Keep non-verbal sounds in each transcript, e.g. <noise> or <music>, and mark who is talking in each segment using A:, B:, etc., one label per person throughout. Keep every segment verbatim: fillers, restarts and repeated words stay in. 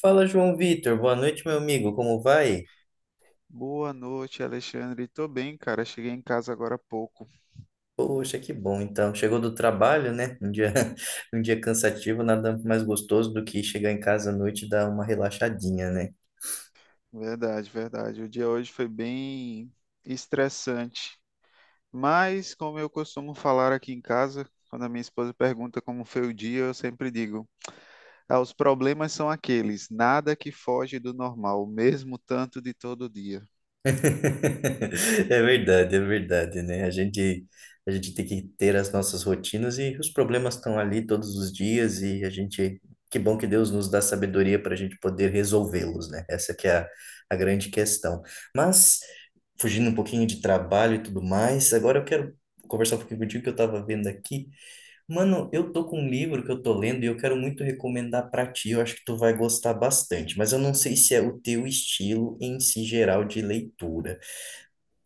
A: Fala, João Vitor. Boa noite, meu amigo. Como vai?
B: Boa noite, Alexandre. Tô bem, cara. Cheguei em casa agora há pouco.
A: Poxa, que bom. Então, chegou do trabalho, né? Um dia, <laughs> um dia cansativo, nada mais gostoso do que chegar em casa à noite e dar uma relaxadinha, né?
B: Verdade, verdade. O dia hoje foi bem estressante. Mas, como eu costumo falar aqui em casa, quando a minha esposa pergunta como foi o dia, eu sempre digo: ah, os problemas são aqueles, nada que foge do normal, mesmo tanto de todo dia.
A: <laughs> É verdade, é verdade, né? A gente, a gente tem que ter as nossas rotinas e os problemas estão ali todos os dias e a gente, que bom que Deus nos dá sabedoria para a gente poder resolvê-los, né? Essa que é a, a grande questão. Mas, fugindo um pouquinho de trabalho e tudo mais, agora eu quero conversar um pouquinho contigo que eu estava vendo aqui. Mano, eu tô com um livro que eu tô lendo e eu quero muito recomendar para ti, eu acho que tu vai gostar bastante, mas eu não sei se é o teu estilo em si geral de leitura.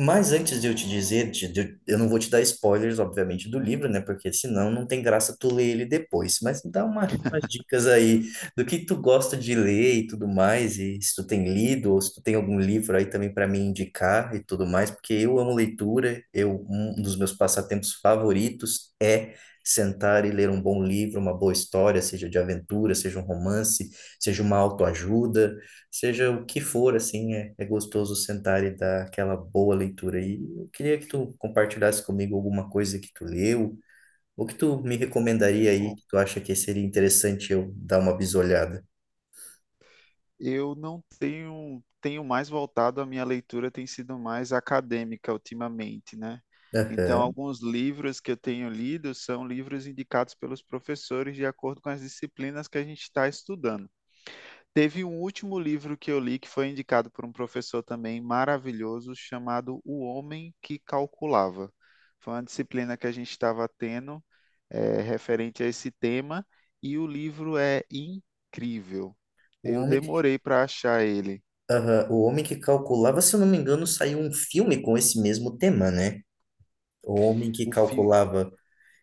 A: Mas antes de eu te dizer, de- de- eu não vou te dar spoilers, obviamente, do livro, né? Porque senão não tem graça tu ler ele depois. Mas dá uma- umas dicas aí do que tu gosta de ler e tudo mais, e se tu tem lido, ou se tu tem algum livro aí também para me indicar e tudo mais, porque eu amo leitura, eu, um dos meus passatempos favoritos é sentar e ler um bom livro, uma boa história, seja de aventura, seja um romance, seja uma autoajuda. Seja o que for, assim, é, é gostoso sentar e dar aquela boa leitura. E eu queria que tu compartilhasse comigo alguma coisa que tu leu, ou que tu me recomendaria aí, que tu acha que seria interessante eu dar uma bisolhada.
B: Eu não tenho, tenho mais voltado, a minha leitura tem sido mais acadêmica ultimamente, né? Então,
A: Aham.
B: alguns livros que eu tenho lido são livros indicados pelos professores de acordo com as disciplinas que a gente está estudando. Teve um último livro que eu li que foi indicado por um professor também maravilhoso, chamado O Homem que Calculava. Foi uma disciplina que a gente estava tendo, eh, referente a esse tema, e o livro é incrível.
A: O
B: Eu
A: homem, que-
B: demorei para achar ele.
A: Aham. O homem que calculava, se eu não me engano, saiu um filme com esse mesmo tema, né? O homem que
B: O, fi-
A: calculava.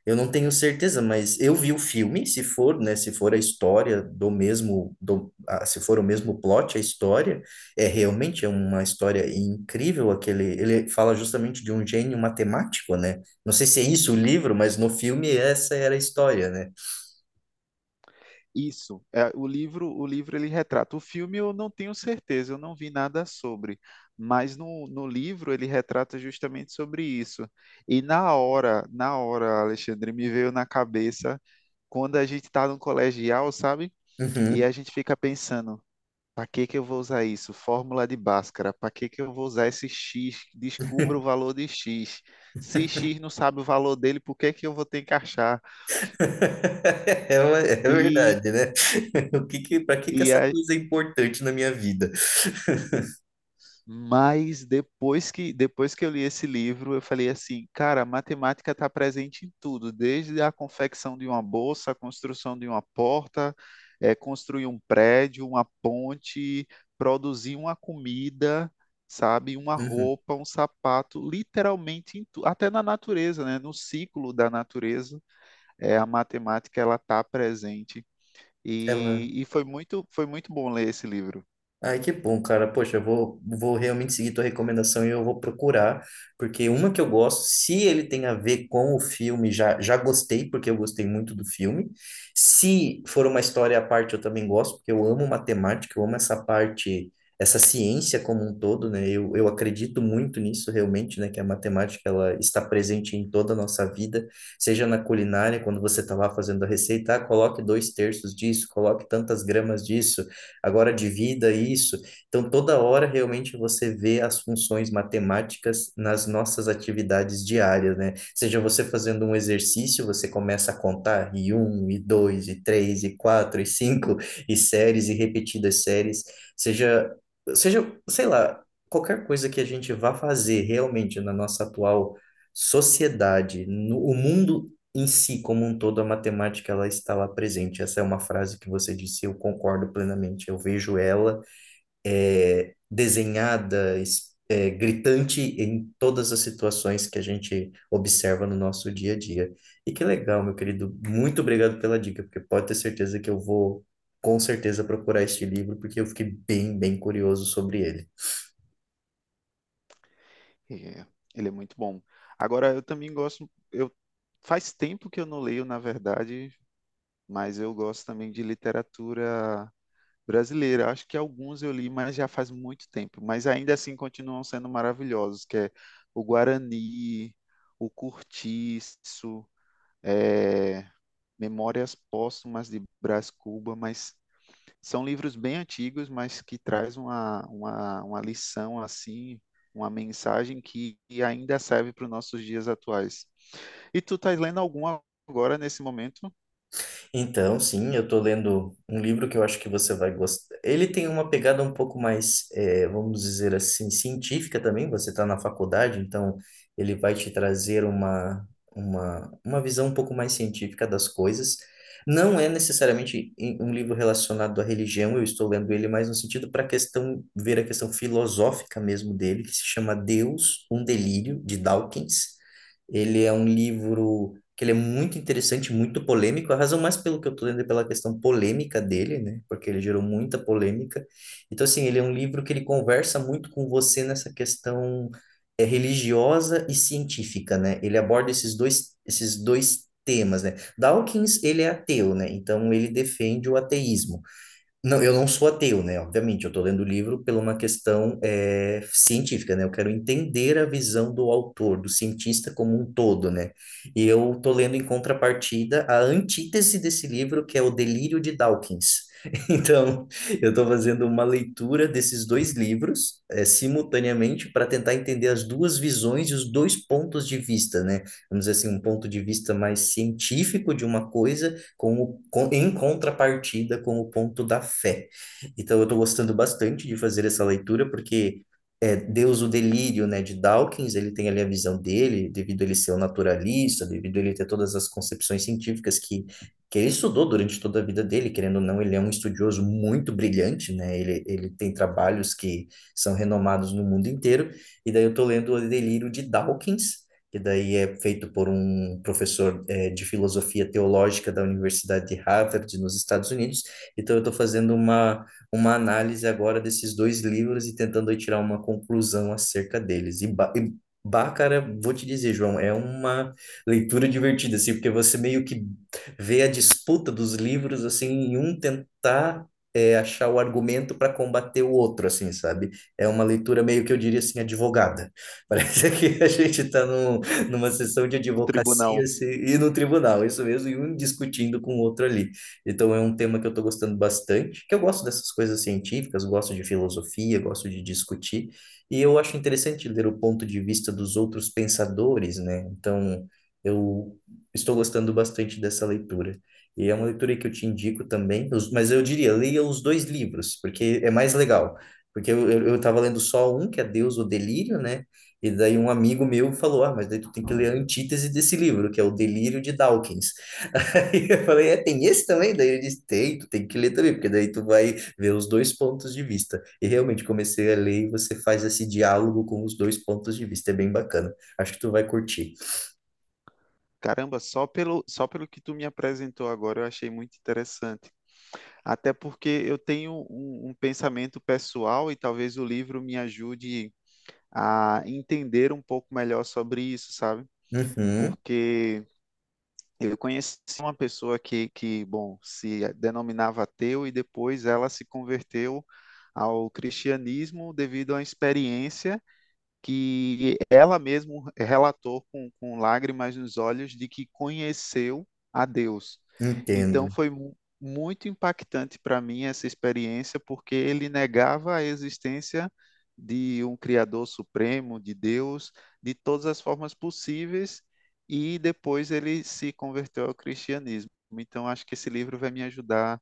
A: Eu não tenho certeza, mas eu vi o filme, se for, né, se for a história do mesmo, do, ah, se for o mesmo plot, a história, é realmente é uma história incrível, aquele, ele fala justamente de um gênio matemático, né? Não sei se é isso o livro, mas no filme essa era a história, né?
B: Isso, é, o livro, o livro ele retrata. O filme eu não tenho certeza, eu não vi nada sobre, mas no, no livro ele retrata justamente sobre isso. E na hora, na hora, Alexandre, me veio na cabeça quando a gente está no colegial, sabe? E
A: Uhum.
B: a gente fica pensando, para que que eu vou usar isso? Fórmula de Bhaskara, para que que eu vou usar esse X? Descubra o valor de X. Se X não sabe o valor dele, por que que eu vou ter que achar?
A: <laughs> É, uma- é
B: E
A: verdade, né? <laughs> O que que, para que que
B: e
A: essa
B: a
A: coisa é importante na minha vida? <laughs>
B: Mas depois que, depois que eu li esse livro, eu falei assim, cara, a matemática está presente em tudo, desde a confecção de uma bolsa, a construção de uma porta, eh, construir um prédio, uma ponte, produzir uma comida, sabe, uma
A: Uhum.
B: roupa, um sapato, literalmente em tu, até na natureza, né? No ciclo da natureza, eh, a matemática ela está presente.
A: Ela.
B: E, e foi muito, foi muito bom ler esse livro.
A: Ai, que bom, cara. Poxa, eu vou, vou realmente seguir tua recomendação e eu vou procurar, porque uma que eu gosto, se ele tem a ver com o filme, já, já gostei, porque eu gostei muito do filme. Se for uma história à parte, eu também gosto, porque eu amo matemática, eu amo essa parte, essa ciência como um todo, né? Eu, eu acredito muito nisso realmente, né? Que a matemática, ela está presente em toda a nossa vida, seja na culinária, quando você está lá fazendo a receita, ah, coloque dois terços disso, coloque tantas gramas disso agora divida isso. Então, toda hora realmente você vê as funções matemáticas nas nossas atividades diárias, né? Seja você fazendo um exercício, você começa a contar e um, e dois, e três, e quatro, e cinco, e séries, e repetidas séries, seja, seja, sei lá, qualquer coisa que a gente vá fazer realmente na nossa atual sociedade, no, o mundo em si, como um todo, a matemática ela está lá presente. Essa é uma frase que você disse, eu concordo plenamente. Eu vejo ela é desenhada, es- é, gritante em todas as situações que a gente observa no nosso dia a dia. E que legal, meu querido. Muito obrigado pela dica, porque pode ter certeza que eu vou, com certeza, procurar este livro, porque eu fiquei bem, bem curioso sobre ele.
B: É, ele é muito bom. Agora, eu também gosto. Eu faz tempo que eu não leio, na verdade, mas eu gosto também de literatura brasileira. Acho que alguns eu li, mas já faz muito tempo. Mas ainda assim continuam sendo maravilhosos, que é o Guarani, o Cortiço, é, Memórias Póstumas de Brás Cuba, mas são livros bem antigos, mas que traz uma, uma, uma lição assim, uma mensagem que, ainda serve para os nossos dias atuais. E tu tá lendo algum agora nesse momento
A: Então, sim, eu estou lendo um livro que eu acho que você vai gostar. Ele tem uma pegada um pouco mais, eh, vamos dizer assim, científica também. Você está na faculdade, então ele vai te trazer uma, uma, uma visão um pouco mais científica das coisas. Não é necessariamente em- um livro relacionado à religião, eu estou lendo ele mais no sentido para questão, ver a questão filosófica mesmo dele, que se chama Deus, um Delírio, de Dawkins. Ele é um livro que ele é muito interessante, muito polêmico. A razão mais pelo que eu estou lendo é pela questão polêmica dele, né? Porque ele gerou muita polêmica. Então, assim, ele é um livro que ele conversa muito com você nessa questão é, religiosa e científica, né? Ele aborda esses dois, esses dois temas, né? Dawkins, ele é ateu, né? Então, ele defende o ateísmo. Não, eu não sou ateu, né? Obviamente, eu estou lendo o livro por uma questão eh, científica, né? Eu quero entender a visão do autor, do cientista como um todo, né? E eu estou lendo em contrapartida a antítese desse livro, que é O Delírio de Dawkins. <laughs> Então, eu estou fazendo uma leitura desses dois livros eh, simultaneamente para tentar entender as duas visões e os dois pontos de vista, né? Vamos dizer assim, um ponto de vista mais científico de uma coisa com o, com, em contrapartida com o ponto da fé. Então, eu estou gostando bastante de fazer essa leitura, porque é, Deus, o Delírio, né, de Dawkins, ele tem ali a visão dele, devido a ele ser um naturalista, devido a ele ter todas as concepções científicas que, que ele estudou durante toda a vida dele, querendo ou não, ele é um estudioso muito brilhante, né, ele, ele tem trabalhos que são renomados no mundo inteiro, e daí eu estou lendo o Delírio de Dawkins, que daí é feito por um professor é, de filosofia teológica da Universidade de Harvard, nos Estados Unidos. Então, eu estou fazendo uma, uma análise agora desses dois livros e tentando aí tirar uma conclusão acerca deles. E, ba- e Bah, cara, vou te dizer, João, é uma leitura divertida, assim, porque você meio que vê a disputa dos livros, assim, em um tentar é, achar o argumento para combater o outro, assim, sabe? É uma leitura meio que eu diria assim, advogada. <laughs> Parece que a gente está num, <laughs> numa sessão de
B: no tribunal?
A: advocacia se- e no tribunal, isso mesmo, e um discutindo com o outro ali. Então é um tema que eu estou gostando bastante, que eu gosto dessas coisas científicas, gosto de filosofia, gosto de discutir, e eu acho interessante ler o ponto de vista dos outros pensadores, né? Então eu estou gostando bastante dessa leitura. E é uma leitura que eu te indico também, os- mas eu diria, leia os dois livros, porque é mais legal. Porque eu, eu, eu tava lendo só um, que é Deus, o Delírio, né? E daí um amigo meu falou, ah, mas daí tu tem que ler a antítese desse livro, que é O Delírio de Dawkins. <laughs> Aí eu falei, é, tem esse também? Daí ele disse, tem, tu tem que ler também, porque daí tu vai ver os dois pontos de vista. E realmente comecei a ler e você faz esse diálogo com os dois pontos de vista, é bem bacana. Acho que tu vai curtir.
B: Caramba, só pelo, só pelo que tu me apresentou agora eu achei muito interessante. Até porque eu tenho um, um pensamento pessoal e talvez o livro me ajude a entender um pouco melhor sobre isso, sabe?
A: Uhum,
B: Porque eu conheci uma pessoa que, que, bom, se denominava ateu e depois ela se converteu ao cristianismo devido à experiência que ela mesma relatou com, com lágrimas nos olhos de que conheceu a Deus. Então
A: entendo.
B: foi mu- muito impactante para mim essa experiência, porque ele negava a existência de um Criador Supremo, de Deus, de todas as formas possíveis, e depois ele se converteu ao cristianismo. Então acho que esse livro vai me ajudar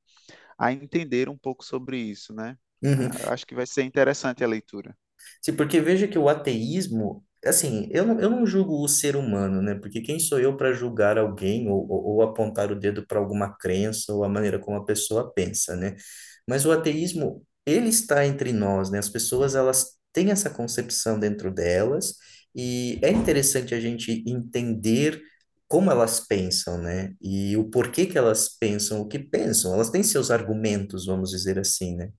B: a entender um pouco sobre isso, né?
A: Uhum.
B: Ah, acho que vai ser interessante a leitura.
A: Sim, porque veja que o ateísmo, assim, eu não, eu não julgo o ser humano, né? Porque quem sou eu para julgar alguém ou, ou, ou apontar o dedo para alguma crença ou a maneira como a pessoa pensa, né? Mas o ateísmo, ele está entre nós, né? As pessoas, elas têm essa concepção dentro delas e é interessante a gente entender como elas pensam, né? E o porquê que elas pensam o que pensam. Elas têm seus argumentos, vamos dizer assim, né?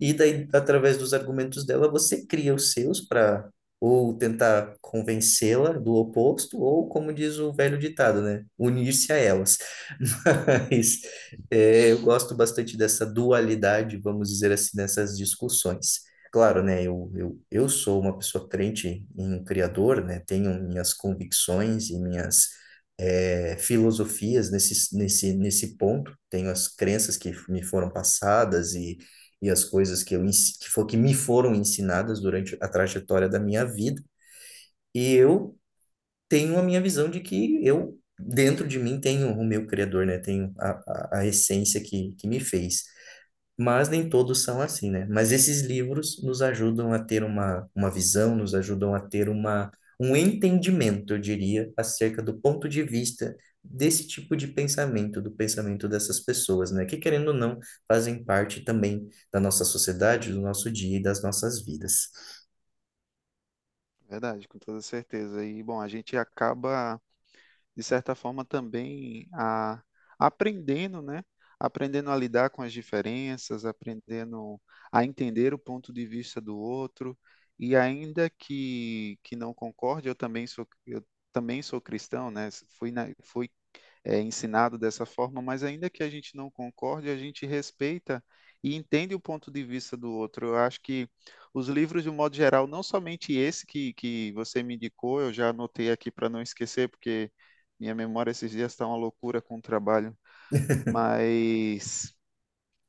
A: E daí, através dos argumentos dela, você cria os seus para ou tentar convencê-la do oposto, ou, como diz o velho ditado, né? Unir-se a elas. <laughs> Mas é, eu gosto bastante dessa dualidade, vamos dizer assim, nessas discussões. Claro, né? Eu, eu, eu sou uma pessoa crente em um Criador, né? Tenho minhas convicções e minhas é, filosofias nesse, nesse, nesse ponto. Tenho as crenças que me foram passadas e e as coisas que eu ens- que, for, que me foram ensinadas durante a trajetória da minha vida. E eu tenho a minha visão de que eu, dentro de mim, tenho o meu criador, né? Tenho a, a, a essência que, que me fez, mas nem todos são assim, né? Mas esses livros nos ajudam a ter uma, uma visão, nos ajudam a ter uma, um entendimento, eu diria, acerca do ponto de vista desse tipo de pensamento, do pensamento dessas pessoas, né? Que, querendo ou não, fazem parte também da nossa sociedade, do nosso dia e das nossas vidas.
B: Verdade, com toda certeza. E, bom, a gente acaba, de certa forma, também a, aprendendo, né? Aprendendo a lidar com as diferenças, aprendendo a entender o ponto de vista do outro. E ainda que, que não concorde, eu também sou, eu também sou cristão, né? Fui, na, fui é, ensinado dessa forma, mas ainda que a gente não concorde, a gente respeita e entende o ponto de vista do outro. Eu acho que os livros, de um modo geral, não somente esse que, que você me indicou, eu já anotei aqui para não esquecer, porque minha memória esses dias está uma loucura com o trabalho,
A: <laughs>
B: mas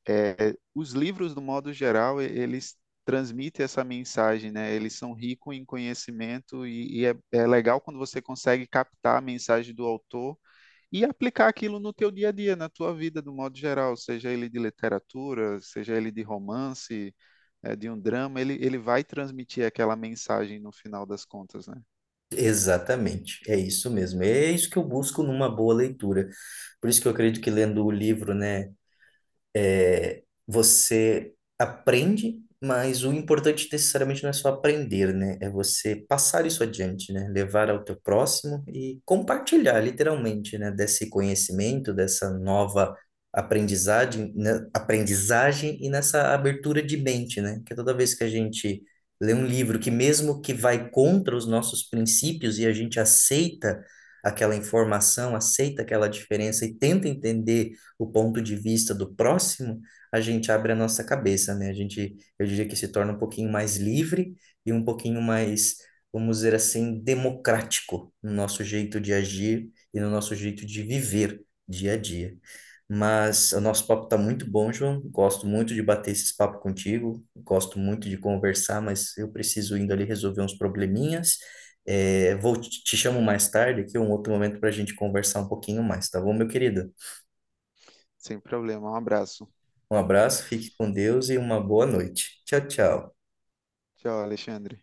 B: é, os livros, do modo geral, eles transmitem essa mensagem, né? Eles são ricos em conhecimento e, e é, é legal quando você consegue captar a mensagem do autor e aplicar aquilo no teu dia a dia, na tua vida, do modo geral, seja ele de literatura, seja ele de romance, eh, de um drama, ele, ele vai transmitir aquela mensagem no final das contas, né?
A: Exatamente, é isso mesmo. É isso que eu busco numa boa leitura. Por isso que eu acredito que lendo o livro, né? Você aprende, mas o importante necessariamente não é só aprender, né? É você passar isso adiante, né? Levar ao teu próximo e compartilhar, literalmente, né? Desse conhecimento, dessa nova aprendizagem, né? Aprendizagem e nessa abertura de mente, né? Que toda vez que a gente lê um livro que mesmo que vai contra os nossos princípios e a gente aceita aquela informação, aceita aquela diferença e tenta entender o ponto de vista do próximo, a gente abre a nossa cabeça, né? A gente, eu diria que se torna um pouquinho mais livre e um pouquinho mais, vamos dizer assim, democrático no nosso jeito de agir e no nosso jeito de viver dia a dia. Mas o nosso papo está muito bom, João. Gosto muito de bater esse papo contigo. Gosto muito de conversar, mas eu preciso indo ali resolver uns probleminhas. É, vou te te chamo mais tarde aqui, um outro momento para a gente conversar um pouquinho mais, tá bom, meu querido?
B: Sem problema. Um abraço.
A: Um abraço, fique com Deus e uma boa noite. Tchau, tchau.
B: Tchau, Alexandre.